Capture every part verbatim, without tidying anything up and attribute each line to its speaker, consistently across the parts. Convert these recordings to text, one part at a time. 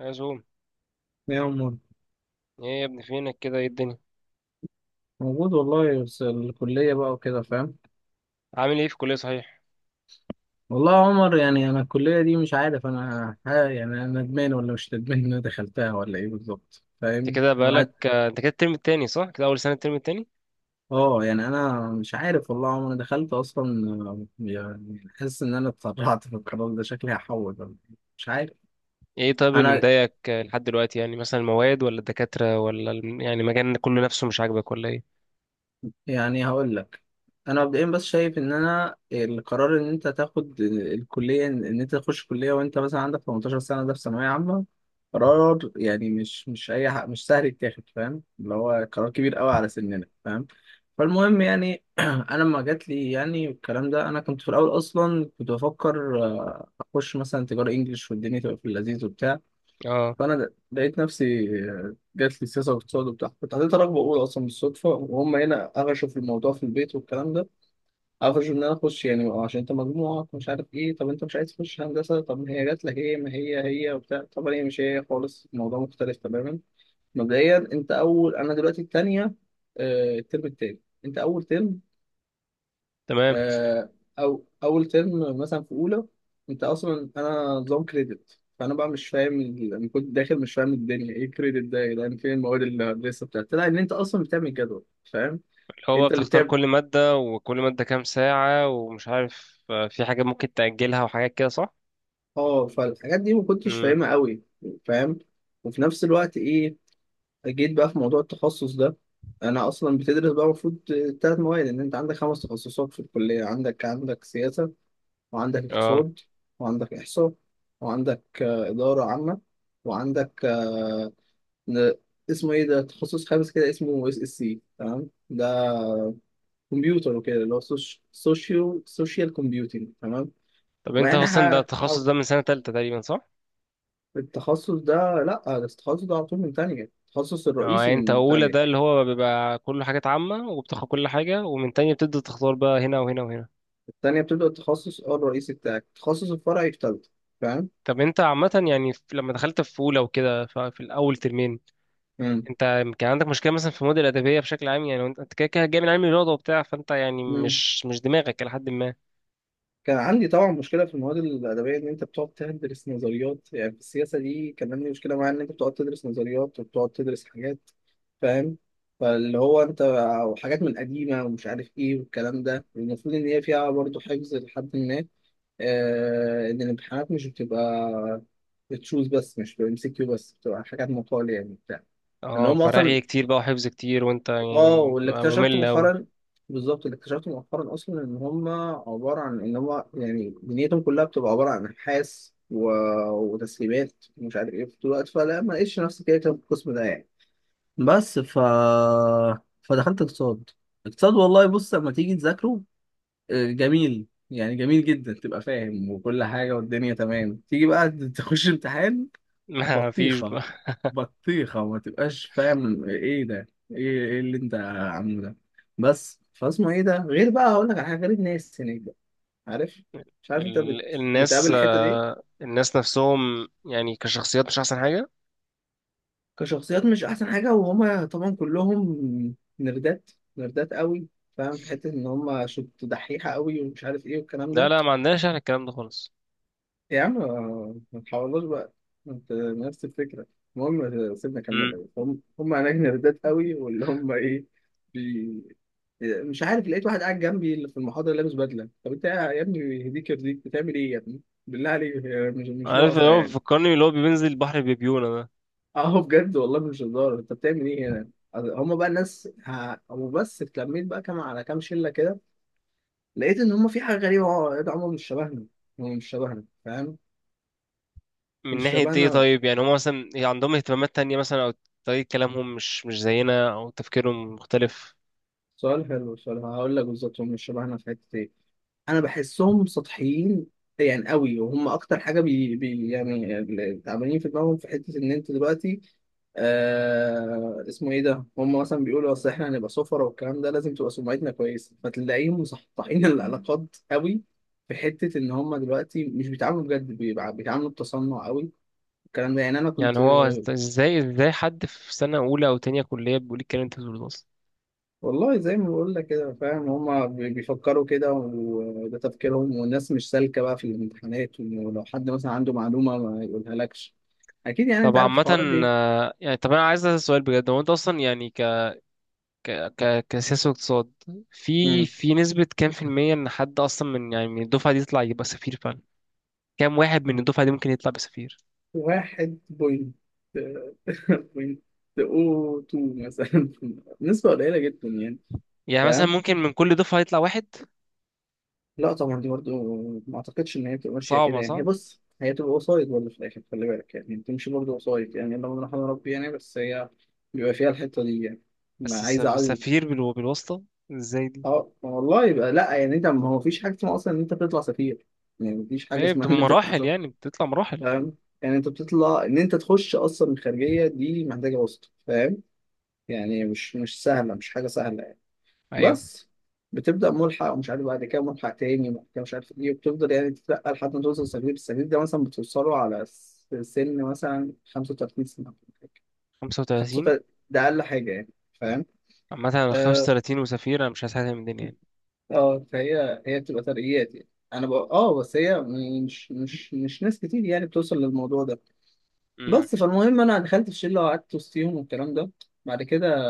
Speaker 1: يا زوم،
Speaker 2: يا عمر،
Speaker 1: ايه يا ابني فينك كده؟ ايه الدنيا؟
Speaker 2: موجود والله، بس الكلية بقى وكده، فاهم.
Speaker 1: عامل ايه في الكلية صحيح؟
Speaker 2: والله يا عمر، يعني أنا الكلية دي مش عارف، أنا ها يعني أنا ندمان ولا مش ندمان إن أنا دخلتها ولا إيه بالظبط،
Speaker 1: انت
Speaker 2: فاهم،
Speaker 1: كده
Speaker 2: وقعد.
Speaker 1: بقالك آه، انت كده الترم التاني صح؟ كده اول سنة الترم التاني.
Speaker 2: أه يعني أنا مش عارف، والله يا عمر، أنا دخلت أصلا، آه، يعني حاسس إن أنا اتسرعت في القرار ده، شكلي هحول ولا إيه. مش عارف.
Speaker 1: ايه طيب اللي
Speaker 2: أنا
Speaker 1: مضايقك آه، لحد دلوقتي؟ يعني مثلا المواد ولا الدكاترة ولا الم- يعني المجال كله نفسه مش عاجبك ولا ايه؟
Speaker 2: يعني هقول لك. انا مبدئيا بس شايف ان انا القرار ان انت تاخد الكليه، ان إن انت تخش كليه وانت مثلا عندك تمنتاشر سنه، ده في ثانويه عامه. قرار يعني مش مش اي حق، مش سهل يتاخد، فاهم، اللي هو قرار كبير قوي على سننا، فاهم. فالمهم يعني انا لما جات لي يعني الكلام ده، انا كنت في الاول اصلا كنت بفكر آه، اخش مثلا تجاره انجليش، والدنيا تبقى في اللذيذ وبتاع.
Speaker 1: اه
Speaker 2: فانا لقيت نفسي. جات لي سياسه واقتصاد وبتاع، كنت حطيت رغبه اولى اصلا بالصدفه، وهم هنا قفشوا في الموضوع في البيت والكلام ده. قفشوا ان انا اخش، يعني عشان انت مجموعك مش عارف ايه، طب انت مش عايز تخش هندسه، طب ما هي جات لك ايه، ما هي هي وبتاع، طب هي مش هي خالص، الموضوع مختلف تماما. مبدئيا انت اول، انا دلوقتي الثانيه. الترم التاني. انت اول ترم.
Speaker 1: تمام،
Speaker 2: آه، او اول ترم مثلا في اولى. انت اصلا، انا نظام كريدت، فانا بقى مش فاهم ال- انا كنت داخل مش فاهم الدنيا ايه كريدت ده، يعني فين المواد اللي لسه بتاعت، لا ان انت اصلا بتعمل جدول، فاهم.
Speaker 1: اللي هو بقى
Speaker 2: انت اللي
Speaker 1: بتختار
Speaker 2: بتعمل.
Speaker 1: كل مادة وكل مادة كام ساعة ومش عارف، آه، في حاجات ممكن تأجلها وحاجات كده صح.
Speaker 2: اه، فالحاجات دي ما كنتش
Speaker 1: امم.
Speaker 2: فاهمها قوي. فاهم. وفي نفس الوقت ايه. جيت بقى في موضوع التخصص ده. انا اصلا بتدرس بقى المفروض. ثلاث مواد، ان انت عندك خمس تخصصات في الكليه، عندك عندك سياسه. وعندك
Speaker 1: اه
Speaker 2: اقتصاد. وعندك إحصاء. وعندك آه، إدارة عامة. وعندك. آه. ن- اسمه إيه ده، تخصص خامس كده اسمه اس اس سي، تمام ده. كمبيوتر وكده، اللي هو. سوشيال سوشيال كومبيوتنج، تمام.
Speaker 1: طب
Speaker 2: ما
Speaker 1: انت
Speaker 2: يعني
Speaker 1: اصلا ده
Speaker 2: ه-
Speaker 1: التخصص
Speaker 2: ح-
Speaker 1: ده من سنة تالتة تقريبا صح؟
Speaker 2: التخصص ده. لا، ده التخصص ده على طول من تانية، التخصص
Speaker 1: اه
Speaker 2: الرئيسي
Speaker 1: يعني انت
Speaker 2: من
Speaker 1: اولى ده
Speaker 2: تانية.
Speaker 1: اللي هو بيبقى كله حاجات عامة وبتاخد كل حاجة، ومن تانية بتبدأ تختار بقى هنا وهنا وهنا.
Speaker 2: التانية بتبدأ التخصص اه الرئيسي بتاعك، التخصص الفرعي في تالتة. فاهم؟
Speaker 1: طب انت عامة يعني في- لما دخلت في أولى وكده، ف- في الأول ترمين،
Speaker 2: مم.
Speaker 1: انت كان عندك مشكلة مثلا في المواد الأدبية بشكل عام؟ يعني انت انت كده كده جاي من علم الرياضة وبتاع، فانت يعني
Speaker 2: مم.
Speaker 1: مش مش دماغك إلى حد ما.
Speaker 2: كان عندي طبعا مشكله في المواد الادبيه، ان انت بتقعد تدرس نظريات يعني في السياسه دي، كان عندي مشكله معايا ان انت بتقعد تدرس نظريات وبتقعد تدرس حاجات. فاهم. فاللي هو انت. وحاجات من قديمه ومش عارف ايه والكلام ده، المفروض ان هي فيها برضه حفظ لحد ما. آه ان الامتحانات مش بتبقى. بتشوز بس، مش بتبقى ام سي كيو بس، بتبقى حاجات مقال يعني بتاع. ان
Speaker 1: اه
Speaker 2: هم اصلا.
Speaker 1: فرغي كتير بقى وحفظ كتير، وانت
Speaker 2: اه،
Speaker 1: يعني
Speaker 2: واللي
Speaker 1: بتبقى
Speaker 2: اكتشفته
Speaker 1: ممل أوي.
Speaker 2: مؤخرا. بالظبط، اللي اكتشفته مؤخرا اصلا ان هم. عباره عن ان هم يعني دنيتهم كلها بتبقى عباره عن ابحاث و... وتسليمات ومش عارف ايه في الوقت، فلا ما لقيتش نفسي كده في القسم ده يعني. بس ف فدخلت اقتصاد. اقتصاد والله، بص لما تيجي تذاكره. آه، جميل يعني جميل جدا، تبقى فاهم وكل حاجه والدنيا تمام، تيجي بقى تخش امتحان.
Speaker 1: ما فيش
Speaker 2: بطيخة.
Speaker 1: بقى.
Speaker 2: بطيخة، وما تبقاش فاهم ايه ده، ايه ايه اللي انت عامله ده. بس فاسمه ايه ده، غير بقى هقول لك على حاجة، غير الناس هناك بقى. عارف. مش عارف انت بت...
Speaker 1: ال...
Speaker 2: بتقابل
Speaker 1: الناس،
Speaker 2: الحتة دي.
Speaker 1: آه، الناس نفسهم يعني كشخصيات مش أحسن حاجة.
Speaker 2: كشخصيات مش احسن حاجة، وهما طبعا كلهم. نردات. نردات قوي. فاهم، في حتة ان هما شط دحيحة قوي ومش عارف ايه والكلام
Speaker 1: لا
Speaker 2: ده.
Speaker 1: لا، ما عندناش احنا الكلام ده خالص.
Speaker 2: يا عم. ما تحاولوش بقى. انت نفس الفكرة. المهم سيبنا اكمل
Speaker 1: امم.
Speaker 2: لك. هم هم هناك نردات قوي، واللي هم ايه. بي... مش عارف، لقيت واحد قاعد جنبي اللي في المحاضرة لابس بدلة، طب انت يا ابني يهديك يرضيك بتعمل ايه يا ابني؟ بالله عليك، هي مش مش
Speaker 1: عارف اللي
Speaker 2: ناقصة
Speaker 1: هو
Speaker 2: يعني.
Speaker 1: بيفكرني اللي هو بينزل البحر بيبيونه ده.
Speaker 2: اهو بجد والله مش هزار، انت بتعمل ايه هنا؟ هم بقى الناس ه... وبس، اتلميت بقى كام على كام شلة كده. لقيت ان هم في حاجة غريبة، اه يا ده عمر، مش شبهنا. هم مش شبهنا، فاهم.
Speaker 1: من
Speaker 2: مش
Speaker 1: ناحية ايه
Speaker 2: شبهنا.
Speaker 1: طيب؟ يعني هم مثلا عندهم اهتمامات تانية مثلا، او طريقة كلامهم مش مش زينا، او تفكيرهم مختلف؟
Speaker 2: سؤال حلو، سؤال هقول لك بالظبط، هم شبهنا في حته ايه؟ انا بحسهم سطحيين. يعني قوي، وهم اكتر حاجه بي, بي يعني اللي تعبانين في دماغهم في حته ان انت دلوقتي. آه اسمه ايه ده، هم مثلا بيقولوا اصل احنا هنبقى سفرة والكلام ده، لازم تبقى سمعتنا كويسه، فتلاقيهم مسطحين العلاقات قوي. في حته ان هم دلوقتي مش بيتعاملوا بجد، بيبقى- بيتعاملوا بتصنع قوي. الكلام ده، يعني انا
Speaker 1: يعني
Speaker 2: كنت.
Speaker 1: هو ازاي ازاي حد في سنة أولى أو تانية كلية بيقول الكلام اللي انت بتقوله ده أصلا؟
Speaker 2: والله زي ما بقول لك كده، فاهم، هما بي- بيفكروا كده، وده تفكيرهم، والناس مش سالكة بقى في الامتحانات، ولو حد مثلا عنده معلومة ما يقولها لكش. أكيد يعني،
Speaker 1: طب
Speaker 2: أنت عارف
Speaker 1: عامة،
Speaker 2: الحوارات دي.
Speaker 1: آه، يعني طب أنا عايز أسأل سؤال بجد، هو أنت أصلا يعني ك ك ك كسياسة واقتصاد، في
Speaker 2: مم.
Speaker 1: في نسبة كام في المية إن حد أصلا من يعني من الدفعة دي يطلع يبقى سفير فعلا؟ كام واحد من الدفعة دي ممكن يطلع بسفير؟
Speaker 2: واحد بوينت. بوينت أو تو مثلا. نسبة قليلة جدا يعني.
Speaker 1: يعني مثلا
Speaker 2: فاهم.
Speaker 1: ممكن من كل دفعة يطلع واحد؟
Speaker 2: لا طبعا، دي برضه. ما أعتقدش إن هي بتبقى ماشية كده،
Speaker 1: صعبة
Speaker 2: يعني هي
Speaker 1: صح.
Speaker 2: بص، هي بتبقى وسايط برضه في الآخر، خلي بالك يعني بتمشي برضه وسايط، يعني اللهم رحمة ربي يعني، بس هي. بيبقى فيها الحتة دي يعني. ما
Speaker 1: بس الس-
Speaker 2: عايز.
Speaker 1: السفير بالو- بالواسطة ازاي دي؟
Speaker 2: اه، ما والله يبقى لا يعني، انت ما هو مفيش حاجه اسمها اصلا ان انت بتطلع سفير. يعني مفيش حاجه
Speaker 1: ايه
Speaker 2: اسمها
Speaker 1: بتبقى
Speaker 2: ان انت
Speaker 1: مراحل؟
Speaker 2: بتطلع.
Speaker 1: يعني بتطلع مراحل.
Speaker 2: فاهم. يعني انت بتطلع، ان انت تخش اصلا الخارجيه دي محتاجه وسط، فاهم. يعني مش مش سهله، مش حاجه سهله يعني.
Speaker 1: ايوه.
Speaker 2: بس. بتبدا ملحق ومش عارف بعد كده ملحق تاني وبعد كده مش عارف ايه، وبتفضل يعني تترقى لحد ما توصل سفير، السفير ده مثلا بتوصله على س- سن مثلا خمسة وتلاتين سنه.
Speaker 1: خمسة وتلاتين؟
Speaker 2: خمسة وتلاتين. ده اقل حاجه يعني. فاهم.
Speaker 1: عامة انا
Speaker 2: آه.
Speaker 1: خمسة وتلاتين وسفير انا مش عايز حاجة من الدنيا يعني.
Speaker 2: اه، فهي هي بتبقى ترقيات يعني. انا بقى اه بس هي. مش مش مش ناس كتير يعني بتوصل للموضوع ده.
Speaker 1: امم.
Speaker 2: بس فالمهم، انا دخلت في شله وقعدت وسطيهم والكلام ده. بعد كده.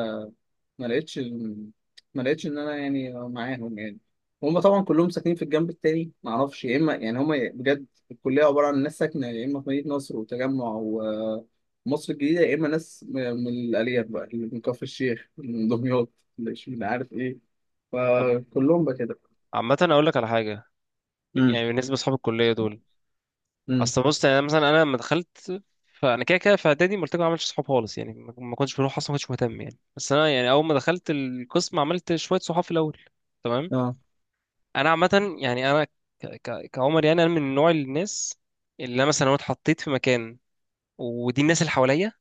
Speaker 2: ما لقيتش ال- ما لقيتش ان انا يعني معاهم يعني. هم طبعا كلهم ساكنين في الجنب التاني، ما اعرفش، يا اما يعني هم. بجد. الكليه عباره عن ناس ساكنه يا اما في مدينه نصر وتجمع ومصر الجديده، يا اما ناس م- من الاليات بقى، اللي من كفر الشيخ، من دمياط. اللي مش عارف ايه.
Speaker 1: طب
Speaker 2: فكلهم بقى كده.
Speaker 1: عامة اقول لك على حاجة، يعني بالنسبة لاصحاب الكلية دول،
Speaker 2: امم.
Speaker 1: اصل بص يعني أنا مثلا انا لما دخلت، فانا كده كده في اعدادي ما قلت لكم ما عملتش صحاب خالص يعني، ما ما كنتش بروح اصلا، ما كنتش مهتم يعني، بس انا يعني اول ما دخلت القسم عملت شوية صحاب في الاول. تمام.
Speaker 2: اه.
Speaker 1: انا عامة يعني انا ك... ك... كعمر، يعني انا من نوع الناس اللي انا مثلا لو اتحطيت في مكان ودي الناس اللي حواليا،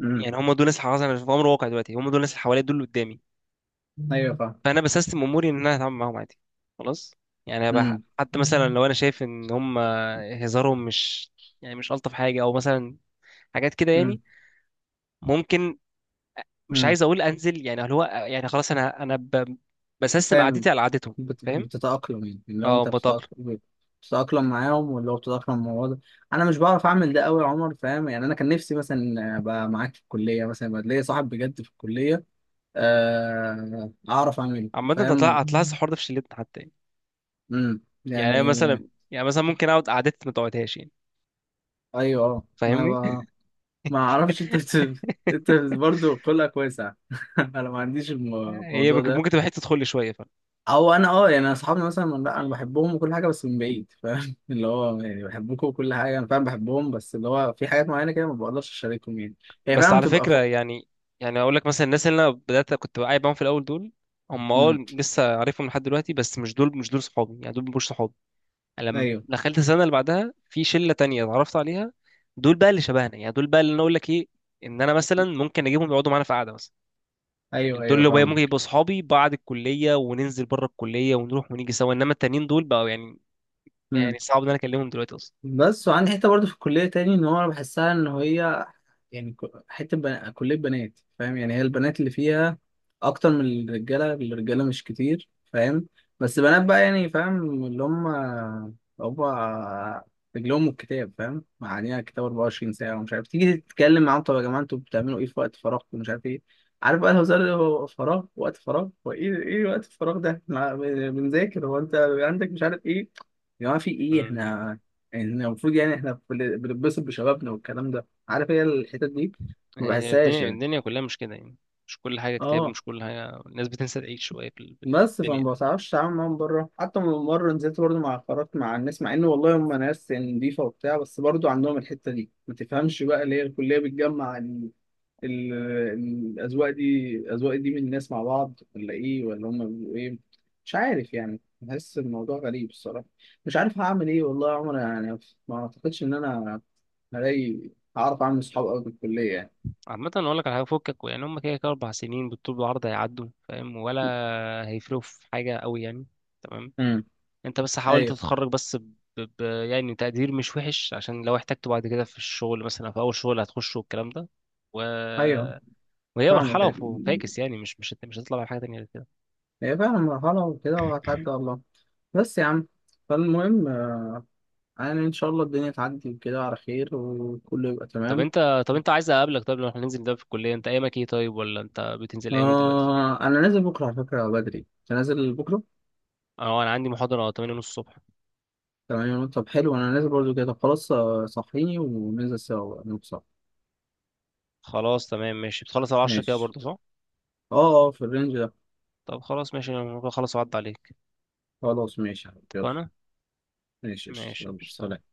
Speaker 2: امم.
Speaker 1: يعني هم دول الناس اللي حصل انا في امر واقع دلوقتي، هم دول الناس اللي حواليا دول اللي قدامي.
Speaker 2: ايوه، فاهم.
Speaker 1: فانا بسيستم اموري ان انا هتعامل معاهم عادي، خلاص. يعني أبقى
Speaker 2: امم.
Speaker 1: حتى مثلا
Speaker 2: امم.
Speaker 1: لو انا شايف ان هم هزارهم مش، يعني مش الطف حاجه، او مثلا حاجات كده يعني، ممكن، مش
Speaker 2: امم،
Speaker 1: عايز اقول انزل يعني، اللي هو يعني خلاص، انا انا ب- بسيستم
Speaker 2: فاهم.
Speaker 1: قعدتي على قعدتهم.
Speaker 2: بت...
Speaker 1: فاهم؟
Speaker 2: بتتأقلم يعني، اللي هو
Speaker 1: اه
Speaker 2: انت
Speaker 1: بتاقلم.
Speaker 2: بتتأقلم. بتتأقلم معاهم، واللي هو بتتأقلم مع الوضع. انا مش بعرف اعمل ده قوي يا عمر، فاهم يعني، انا كان نفسي مثلا ابقى معاك في الكلية مثلا، يبقى ليا صاحب بجد في الكلية. آه... اعرف اعمله،
Speaker 1: عامه انت هتلاحظ
Speaker 2: فاهم.
Speaker 1: هتلاحظ الحوار ده في شلتنا حتى يعني.
Speaker 2: امم
Speaker 1: يعني أنا
Speaker 2: يعني.
Speaker 1: مثلا، يعني مثلا ممكن اقعد قعدتي ما تقعدهاش يعني.
Speaker 2: ايوه، اه، ما
Speaker 1: فاهمني؟
Speaker 2: ب... ما اعرفش، انت انت برضه خلقك واسع انا ما عنديش الم-
Speaker 1: هي
Speaker 2: الموضوع
Speaker 1: ممكن
Speaker 2: ده.
Speaker 1: ممكن تبقى حته تدخل لي شويه.
Speaker 2: او انا اه يعني اصحابي مثلا من- لا، انا بحبهم وكل حاجه بس من بعيد، فاهم اللي هو يعني بحبكم وكل حاجه، انا فعلا بحبهم، بس اللي هو في حاجات معينه كده ما بقدرش اشاركهم يعني. هي
Speaker 1: بس
Speaker 2: فعلا
Speaker 1: على
Speaker 2: بتبقى
Speaker 1: فكرة
Speaker 2: فوق.
Speaker 1: يعني، يعني اقول لك مثلا الناس اللي انا بدأت كنت قاعد معاهم في الاول دول، هم اه
Speaker 2: امم.
Speaker 1: لسه عارفهم لحد دلوقتي، بس مش دول مش دول صحابي يعني، دول مش صحابي. يعني لما
Speaker 2: ايوه،
Speaker 1: دخلت السنة اللي بعدها في شلة تانية اتعرفت عليها، دول بقى اللي شبهنا يعني، دول بقى اللي انا اقول لك ايه، ان انا مثلا ممكن اجيبهم يقعدوا معانا في قعدة مثلا.
Speaker 2: ايوه،
Speaker 1: دول
Speaker 2: ايوه،
Speaker 1: اللي بقى ممكن
Speaker 2: فاهمك.
Speaker 1: يبقوا صحابي بعد الكلية، وننزل بره الكلية ونروح ونيجي سوا، انما التانيين دول بقوا يعني،
Speaker 2: امم.
Speaker 1: يعني صعب ان انا اكلمهم دلوقتي
Speaker 2: بس، وعندي حته برضو في الكليه تاني، ان هو انا بحسها ان هي. يعني ك- حتة بنا... كلية بنات، فاهم يعني، هي البنات اللي فيها. أكتر من الرجالة. الرجالة مش كتير، فاهم. بس بنات بقى يعني، فاهم، اللي هم هم رجلهم الكتاب، فاهم معانيها، كتاب اربعة وعشرين ساعة، ومش عارف، تيجي تتكلم معاهم طب يا جماعة انتوا بتعملوا إيه في وقت فراغكم ومش عارف إيه. عارف بقى، الهزار اللي هو فراغ، وقت فراغ، هو إيه إيه وقت الفراغ ده؟ إحنا بنذاكر، هو أنت عندك مش عارف إيه، يا جماعة في إيه،
Speaker 1: اصلا.
Speaker 2: إحنا. إحنا المفروض يعني، إحنا بن- بنتبسط بشبابنا والكلام ده. عارف، هي الحتت دي. ما
Speaker 1: هي
Speaker 2: بحسهاش
Speaker 1: الدنيا،
Speaker 2: يعني.
Speaker 1: الدنيا كلها مش كده يعني، مش كل حاجة كتاب،
Speaker 2: اه،
Speaker 1: ومش كل حاجة الناس بتنسى تعيش شوية في ال- في
Speaker 2: بس
Speaker 1: الدنيا.
Speaker 2: فما بعرفش اتعامل معاهم بره، حتى من مره نزلت برضو مع خرجت مع الناس، مع ان والله هم ناس يعني نضيفه وبتاع، بس برضو عندهم الحته دي، ما تفهمش بقى ليه الكليه بتجمع ال... ال... الاذواق دي الاذواق دي من الناس مع بعض، ولا ايه ولا هم بيبقوا ايه؟ مش عارف يعني، بحس الموضوع غريب الصراحه. مش عارف هعمل ايه والله يا عمر يعني. ما اعتقدش ان انا. هلاقي. هعرف اعمل صحاب قوي في الكليه يعني.
Speaker 1: عامة أقول لك على حاجة، فكك يعني هما كده كده أربع سنين بالطول بالعرض هيعدوا، فاهم؟ ولا هيفرقوا في حاجة أوي يعني. تمام.
Speaker 2: امم.
Speaker 1: أنت بس حاول
Speaker 2: ايوه،
Speaker 1: تتخرج، بس ب... ب... يعني تقدير مش وحش، عشان لو احتجته بعد كده في الشغل، مثلا في أول شغل هتخشه والكلام ده. و...
Speaker 2: ايوه،
Speaker 1: وهي
Speaker 2: فاهمك.
Speaker 1: مرحلة،
Speaker 2: أيوة.
Speaker 1: وف- وفاكس يعني، مش مش مش هتطلع من حاجة تانية غير كده.
Speaker 2: هي فعلا مرحلة وكده، وهتعدي والله. بس يا عم. فالمهم آه، يعني إن شاء الله الدنيا تعدي وكده على خير، وكله يبقى
Speaker 1: طب
Speaker 2: تمام.
Speaker 1: أنت، طب أنت عايز أقابلك طيب، لو احنا ننزل ده في الكلية، أنت أيامك إيه طيب؟ ولا أنت بتنزل أيام إيه دلوقتي؟
Speaker 2: آه، أنا نازل بكرة على فكرة بدري. أنت نازل بكرة؟
Speaker 1: اه انا عندي محاضرة تمانية ونص الصبح.
Speaker 2: تمام يا نور. طب حلو، أنا نازل برضو كده، طب خلاص آه، صحيني وننزل سوا نوصل.
Speaker 1: خلاص تمام ماشي. بتخلص على عشرة كده
Speaker 2: ماشي.
Speaker 1: برضه صح؟
Speaker 2: أه، أه، في الرينج ده.
Speaker 1: طب خلاص ماشي، انا ممكن اخلص واعدي عليك.
Speaker 2: خلاص ماشي يا حبيبي. يلا.
Speaker 1: اتفقنا.
Speaker 2: ماشي قشطة.
Speaker 1: ماشي
Speaker 2: يلا
Speaker 1: مش
Speaker 2: سلام.